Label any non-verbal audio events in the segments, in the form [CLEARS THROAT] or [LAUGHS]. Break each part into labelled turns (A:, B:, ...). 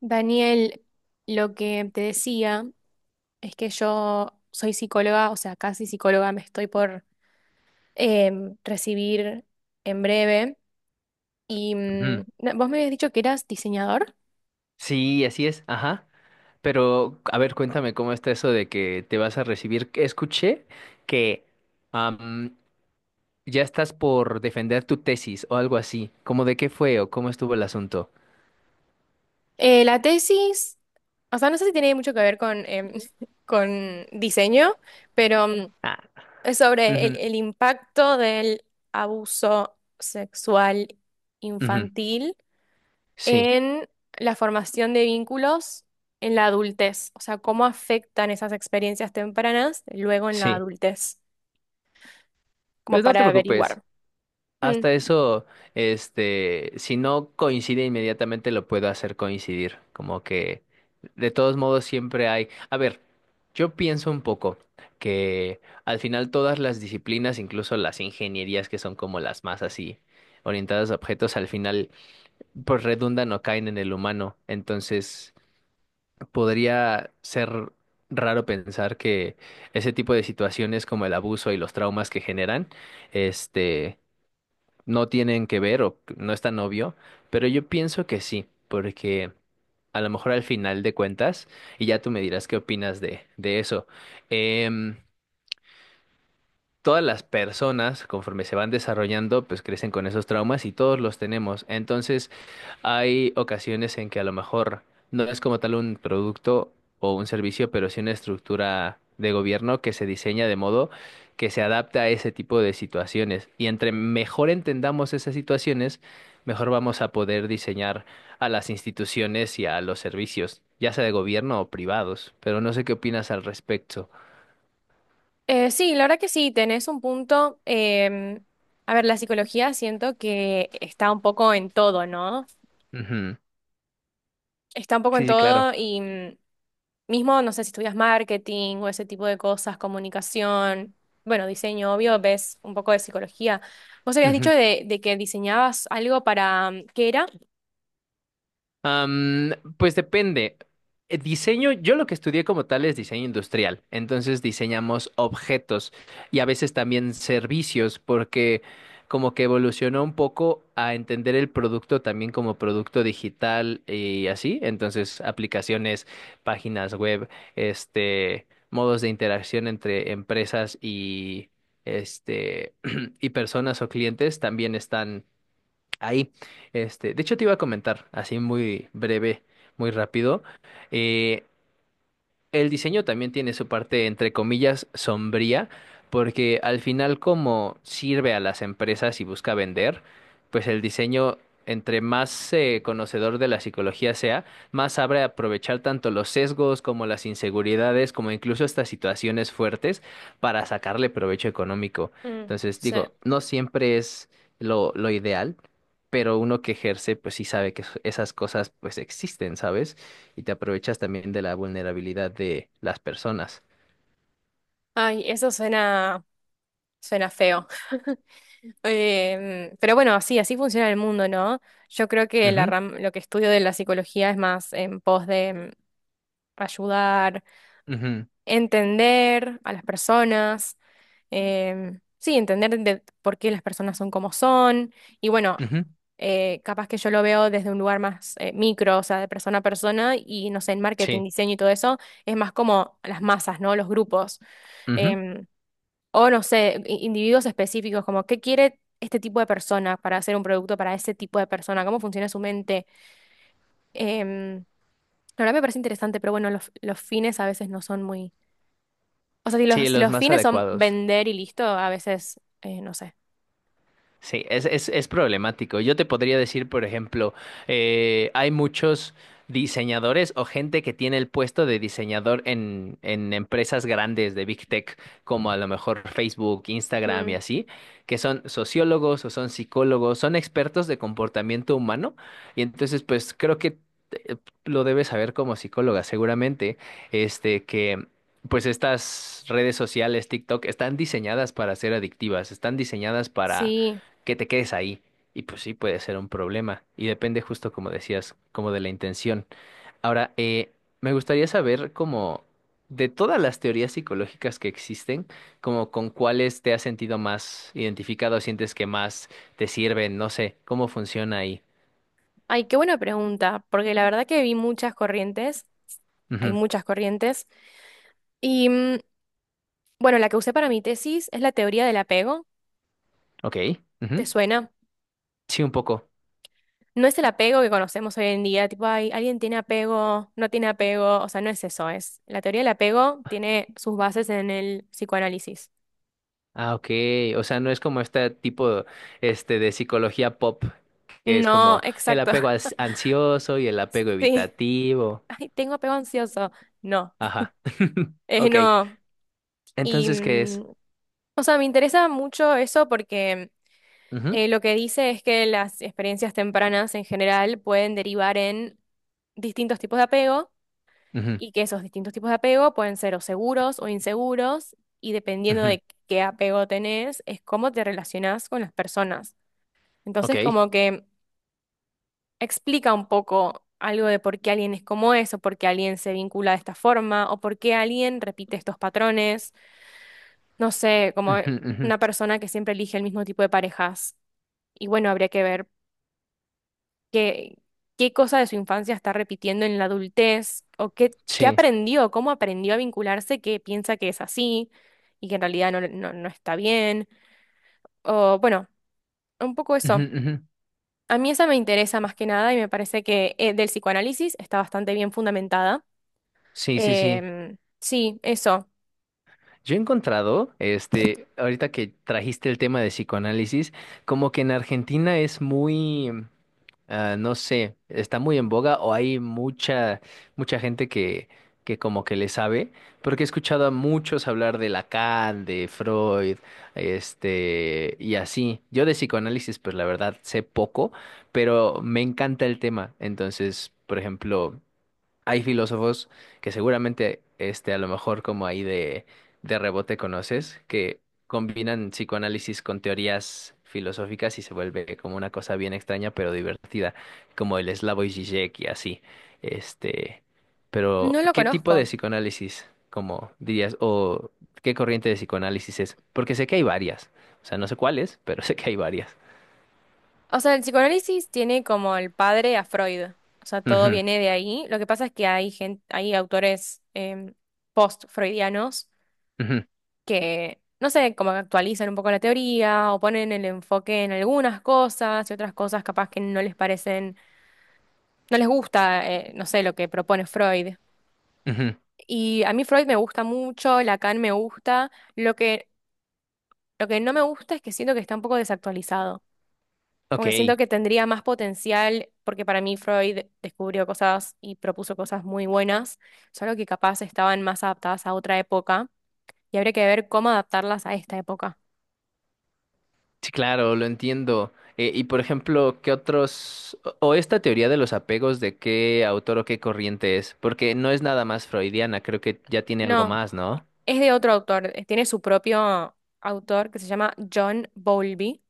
A: Daniel, lo que te decía es que yo soy psicóloga, o sea, casi psicóloga, me estoy por recibir en breve. Y
B: Ujú.
A: no, vos me habías dicho que eras diseñador.
B: Sí, así es, ajá. Pero, a ver, cuéntame cómo está eso de que te vas a recibir. Escuché que am, ya estás por defender tu tesis o algo así. ¿Cómo de qué fue o cómo estuvo el asunto?
A: La tesis, o sea, no sé si tiene mucho que ver con, [LAUGHS] con diseño, pero
B: Ah,
A: es sobre el impacto del abuso sexual
B: ujú, ujú.
A: infantil
B: Sí,
A: en la formación de vínculos en la adultez, o sea, cómo afectan esas experiencias tempranas luego en la
B: sí.
A: adultez, como
B: Pues no te
A: para
B: preocupes.
A: averiguar. Mm.
B: Hasta eso, si no coincide inmediatamente, lo puedo hacer coincidir. Como que, de todos modos, siempre hay. A ver, yo pienso un poco que al final todas las disciplinas, incluso las ingenierías que son como las más así, orientadas a objetos, al final, pues redundan o caen en el humano. Entonces, podría ser raro pensar que ese tipo de situaciones como el abuso y los traumas que generan, este no tienen que ver o que no es tan obvio, pero yo pienso que sí, porque a lo mejor al final de cuentas, y ya tú me dirás qué opinas de eso, em, todas las personas, conforme se van desarrollando, pues crecen con esos traumas y todos los tenemos. Entonces, hay ocasiones en que a lo mejor no es como tal un producto o un servicio, pero sí una estructura de gobierno que se diseña de modo que se adapta a ese tipo de situaciones. Y entre mejor entendamos esas situaciones, mejor vamos a poder diseñar a las instituciones y a los servicios, ya sea de gobierno o privados. Pero no sé qué opinas al respecto.
A: Sí, la verdad que sí, tenés un punto. A ver, la psicología siento que está un poco en todo, ¿no?
B: Ujú.
A: Está un poco en
B: Sí, sí, claro.
A: todo y mismo, no sé si estudias marketing o ese tipo de cosas, comunicación, bueno, diseño, obvio, ves un poco de psicología. Vos habías dicho
B: Ujú.
A: de que diseñabas algo para, ¿qué era?
B: Pues depende. Diseño, yo lo que estudié como tal es diseño industrial, entonces diseñamos objetos y a veces también servicios, porque como que evolucionó un poco a entender el producto también como producto digital y así, entonces aplicaciones, páginas web, modos de interacción entre empresas y este [CLEARS THROAT] y personas o clientes también están. Ahí, de hecho te iba a comentar, así muy breve, muy rápido, eh, el diseño también tiene su parte, entre comillas, sombría, porque al final como sirve a las empresas y busca vender, pues el diseño, entre más conocedor de la psicología sea, más sabe aprovechar tanto los sesgos como las inseguridades, como incluso estas situaciones fuertes para sacarle provecho económico.
A: Mm,
B: Entonces,
A: sí.
B: digo, no siempre es lo ideal, pero uno que ejerce, pues sí sabe que esas cosas pues existen, ¿sabes? Y te aprovechas también de la vulnerabilidad de las personas.
A: Ay, eso suena, suena feo. [LAUGHS] Pero bueno, así así funciona el mundo, ¿no? Yo creo que
B: Ujú,
A: lo que estudio de la psicología es más en pos de ayudar,
B: ujú,
A: entender a las personas, sí, entender de por qué las personas son como son. Y bueno,
B: ujú,
A: capaz que yo lo veo desde un lugar más micro, o sea, de persona a persona, y no sé, en marketing,
B: sí,
A: diseño y todo eso, es más como las masas, ¿no? Los grupos.
B: ujú.
A: Em, O no sé, individuos específicos, como qué quiere este tipo de persona para hacer un producto para ese tipo de persona, cómo funciona su mente. Em, la verdad me parece interesante, pero bueno, los fines a veces no son muy... O sea, si
B: Sí,
A: si
B: los
A: los
B: más
A: fines son
B: adecuados.
A: vender y listo, a veces, no sé.
B: Sí, es problemático. Yo te podría decir, por ejemplo, hay muchos diseñadores o gente que tiene el puesto de diseñador en empresas grandes de Big Tech, como a lo mejor Facebook, Instagram y
A: Mm.
B: así, que son sociólogos o son psicólogos, son expertos de comportamiento humano. Y entonces, pues creo que eh, lo debes saber como psicóloga, seguramente, que... Pues estas redes sociales, TikTok, están diseñadas para ser adictivas, están diseñadas para
A: Sí,
B: que te quedes ahí. Y pues sí, puede ser un problema. Y depende justo como decías, como de la intención. Ahora, me gustaría saber como de todas las teorías psicológicas que existen, como con cuáles te has sentido más identificado, sientes que más te sirven, no sé, cómo funciona ahí.
A: ay, qué buena pregunta, porque la verdad que vi muchas corrientes, hay
B: Ujú,
A: muchas corrientes, y bueno, la que usé para mi tesis es la teoría del apego,
B: Ok.
A: ¿te
B: Ujú.
A: suena?
B: Sí, un poco.
A: No es el apego que conocemos hoy en día, tipo, ay, alguien tiene apego, no tiene apego, o sea, no es eso, es. La teoría del apego tiene sus bases en el psicoanálisis.
B: Ah, ok. O sea, no es como este tipo, de psicología pop, que es
A: No,
B: como el
A: exacto,
B: apego ansioso y el apego
A: [LAUGHS] sí.
B: evitativo.
A: Ay, tengo apego ansioso. No,
B: Ajá. [LAUGHS] Ok.
A: no. Y,
B: Entonces, ¿qué es?
A: o sea, me interesa mucho eso porque
B: Ujú,
A: lo que dice es que las experiencias tempranas en general pueden derivar en distintos tipos de apego
B: ujú,
A: y que esos distintos tipos de apego pueden ser o seguros o inseguros, y dependiendo
B: ujú.
A: de qué apego tenés, es cómo te relacionás con las personas. Entonces,
B: Ok.
A: como que explica un poco algo de por qué alguien es como es, o por qué alguien se vincula de esta forma, o por qué alguien repite estos patrones, no sé, como
B: Ujú, ujú.
A: una persona que siempre elige el mismo tipo de parejas. Y bueno, habría que ver qué, qué cosa de su infancia está repitiendo en la adultez o qué, qué
B: Sí.
A: aprendió, cómo aprendió a vincularse que piensa que es así y que en realidad no, no, no está bien. O bueno, un poco
B: Ujú,
A: eso.
B: ujú.
A: A mí esa me interesa más que nada y me parece que del psicoanálisis está bastante bien fundamentada.
B: Sí, sí, sí.
A: Sí, eso.
B: Yo he encontrado, ahorita que trajiste el tema de psicoanálisis, como que en Argentina Ah, no sé, está muy en boga o hay mucha gente que como que le sabe, porque he escuchado a muchos hablar de Lacan, de Freud, y así. Yo de psicoanálisis, pues la verdad sé poco, pero me encanta el tema. Entonces, por ejemplo, hay filósofos que seguramente, a lo mejor como ahí de rebote conoces, que combinan psicoanálisis con teorías filosóficas y se vuelve como una cosa bien extraña pero divertida, como el Slavoj Žižek y así. Este, pero,
A: No lo
B: ¿qué tipo de
A: conozco.
B: psicoanálisis, como dirías, o qué corriente de psicoanálisis es? Porque sé que hay varias, o sea, no sé cuáles, pero [LAUGHS] sé que hay varias.
A: O sea, el psicoanálisis tiene como el padre a Freud. O sea, todo
B: Ujú,
A: viene de ahí. Lo que pasa es que hay gente, hay autores post-freudianos
B: ujú,
A: que, no sé, como que actualizan un poco la teoría o ponen el enfoque en algunas cosas y otras cosas capaz que no les parecen, no les gusta, no sé, lo que propone Freud.
B: ujú.
A: Y a mí Freud me gusta mucho, Lacan me gusta, lo que no me gusta es que siento que está un poco desactualizado. Como
B: Ok,
A: que siento que tendría más potencial, porque para mí Freud descubrió cosas y propuso cosas muy buenas, solo que capaz estaban más adaptadas a otra época y habría que ver cómo adaptarlas a esta época.
B: sí, claro, lo entiendo. Y por ejemplo, ¿qué otros, o esta teoría de los apegos, de qué autor o qué corriente es? Porque no es nada más freudiana, creo que ya tiene algo
A: No,
B: más, ¿no?
A: es de otro autor, tiene su propio autor que se llama John Bowlby,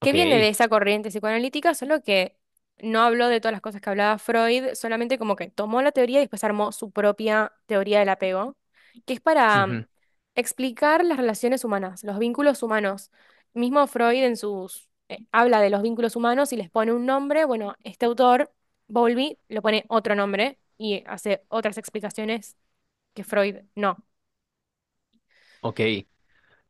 A: que viene de
B: Ok,
A: esa corriente psicoanalítica, solo que no habló de todas las cosas que hablaba Freud, solamente como que tomó la teoría y después armó su propia teoría del apego, que es para
B: ujú,
A: explicar las relaciones humanas, los vínculos humanos. Mismo Freud en sus habla de los vínculos humanos y les pone un nombre, bueno, este autor, Bowlby, le pone otro nombre y hace otras explicaciones que Freud no.
B: ok.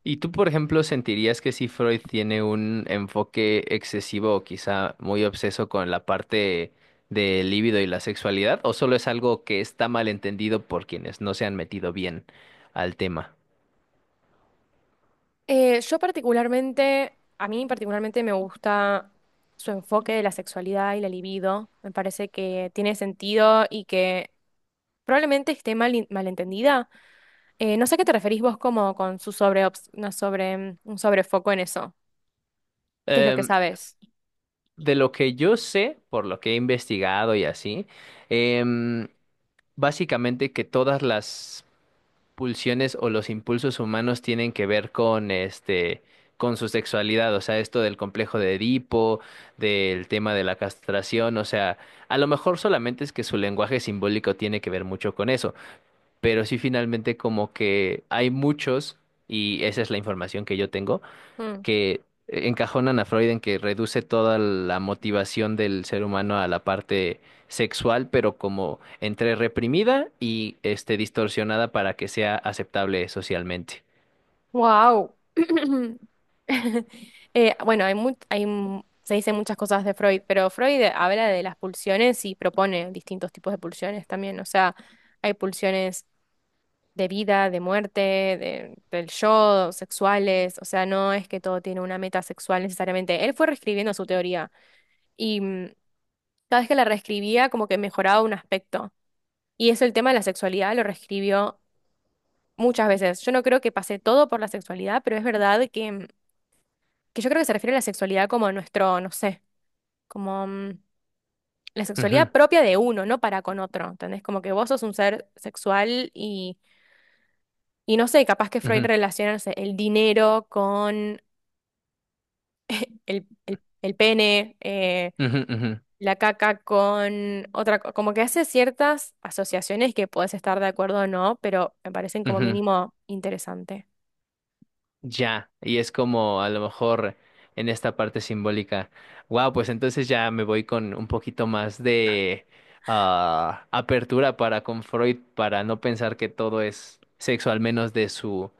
B: ¿Y tú, por ejemplo, sentirías que si Freud tiene un enfoque excesivo o quizá muy obseso con la parte del libido y la sexualidad, o solo es algo que está mal entendido por quienes no se han metido bien al tema?
A: Yo particularmente, a mí particularmente me gusta su enfoque de la sexualidad y la libido. Me parece que tiene sentido y que probablemente esté mal, malentendida. No sé a qué te referís vos como con su sobre, una sobre, un sobrefoco en eso. ¿Qué es lo que sabes?
B: De lo que yo sé, por lo que he investigado y así, em, básicamente que todas las pulsiones o los impulsos humanos tienen que ver con con su sexualidad, o sea, esto del complejo de Edipo, del tema de la castración, o sea, a lo mejor solamente es que su lenguaje simbólico tiene que ver mucho con eso, pero sí finalmente como que hay muchos, y esa es la información que yo tengo que encajonan a Freud en que reduce toda la motivación del ser humano a la parte sexual, pero como entre reprimida y distorsionada para que sea aceptable socialmente.
A: Wow. [CLEARS THROAT] Bueno, hay se dicen muchas cosas de Freud, pero Freud habla de las pulsiones y propone distintos tipos de pulsiones también. O sea, hay pulsiones de vida, de muerte, del yo, sexuales, o sea, no es que todo tiene una meta sexual necesariamente. Él fue reescribiendo su teoría y cada vez que la reescribía como que mejoraba un aspecto. Y eso el tema de la sexualidad lo reescribió muchas veces. Yo no creo que pase todo por la sexualidad, pero es verdad que, que yo creo que se refiere a la sexualidad como a nuestro, no sé, como la
B: Ujú,
A: sexualidad propia de uno, no para con otro, ¿entendés? Como que vos sos un ser sexual y... Y no sé, capaz que Freud
B: ujú,
A: relaciona, no sé, el dinero con el pene,
B: ujú, ujú,
A: la caca con otra, como que hace ciertas asociaciones que puedes estar de acuerdo o no, pero me parecen como
B: ujú.
A: mínimo interesante.
B: Ya, y es como a lo mejor en esta parte simbólica. Wow, pues entonces ya me voy con un poquito más de apertura para con Freud, para no pensar que todo es sexo, al menos de su,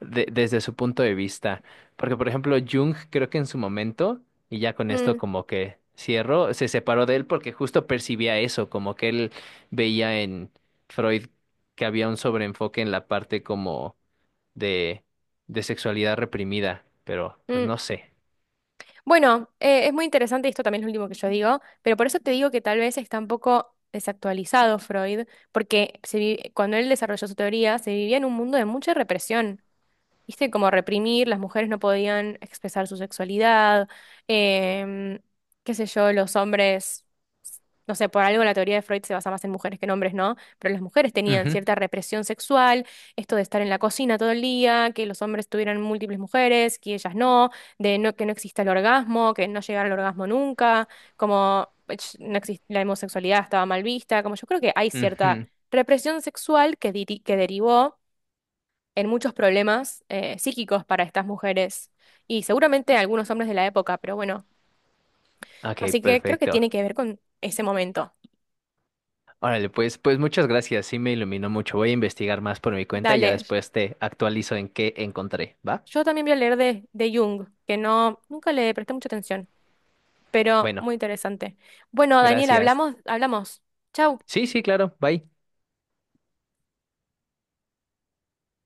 B: de- desde su punto de vista. Porque, por ejemplo, Jung creo que en su momento, y ya con esto
A: Mm,
B: como que cierro, se separó de él porque justo percibía eso, como que él veía en Freud que había un sobreenfoque en la parte como de, de sexualidad reprimida, pero pues
A: mm.
B: no sé.
A: Bueno, es muy interesante, y esto también es lo último que yo digo, pero por eso te digo que tal vez está un poco desactualizado Freud, porque cuando él desarrolló su teoría se vivía en un mundo de mucha represión. Viste, como reprimir, las mujeres no podían expresar su sexualidad, em, qué sé yo, los hombres, no sé, por algo la teoría de Freud se basa más en mujeres que en hombres, ¿no? Pero las mujeres tenían
B: Ujú,
A: cierta represión sexual, esto de estar en la cocina todo el día, que los hombres tuvieran múltiples mujeres, que ellas no, de no, que no exista el orgasmo, que no llegara al orgasmo nunca, como ech, no exis- la homosexualidad estaba mal vista, como yo creo que hay cierta
B: ujú.
A: represión sexual que derivó en muchos problemas psíquicos para estas mujeres y seguramente algunos hombres de la época, pero bueno,
B: Ok,
A: así que creo que
B: perfecto.
A: tiene que ver con ese momento.
B: Órale, pues, muchas gracias, sí me iluminó mucho. Voy a investigar más por mi cuenta y ya
A: Dale,
B: después te actualizo en qué encontré, ¿va?
A: yo también voy a leer de Jung, que no, nunca le presté mucha atención, pero
B: Bueno,
A: muy interesante. Bueno, Daniel,
B: gracias.
A: hablamos, hablamos. Chau.
B: Sí, sí, claro, bye.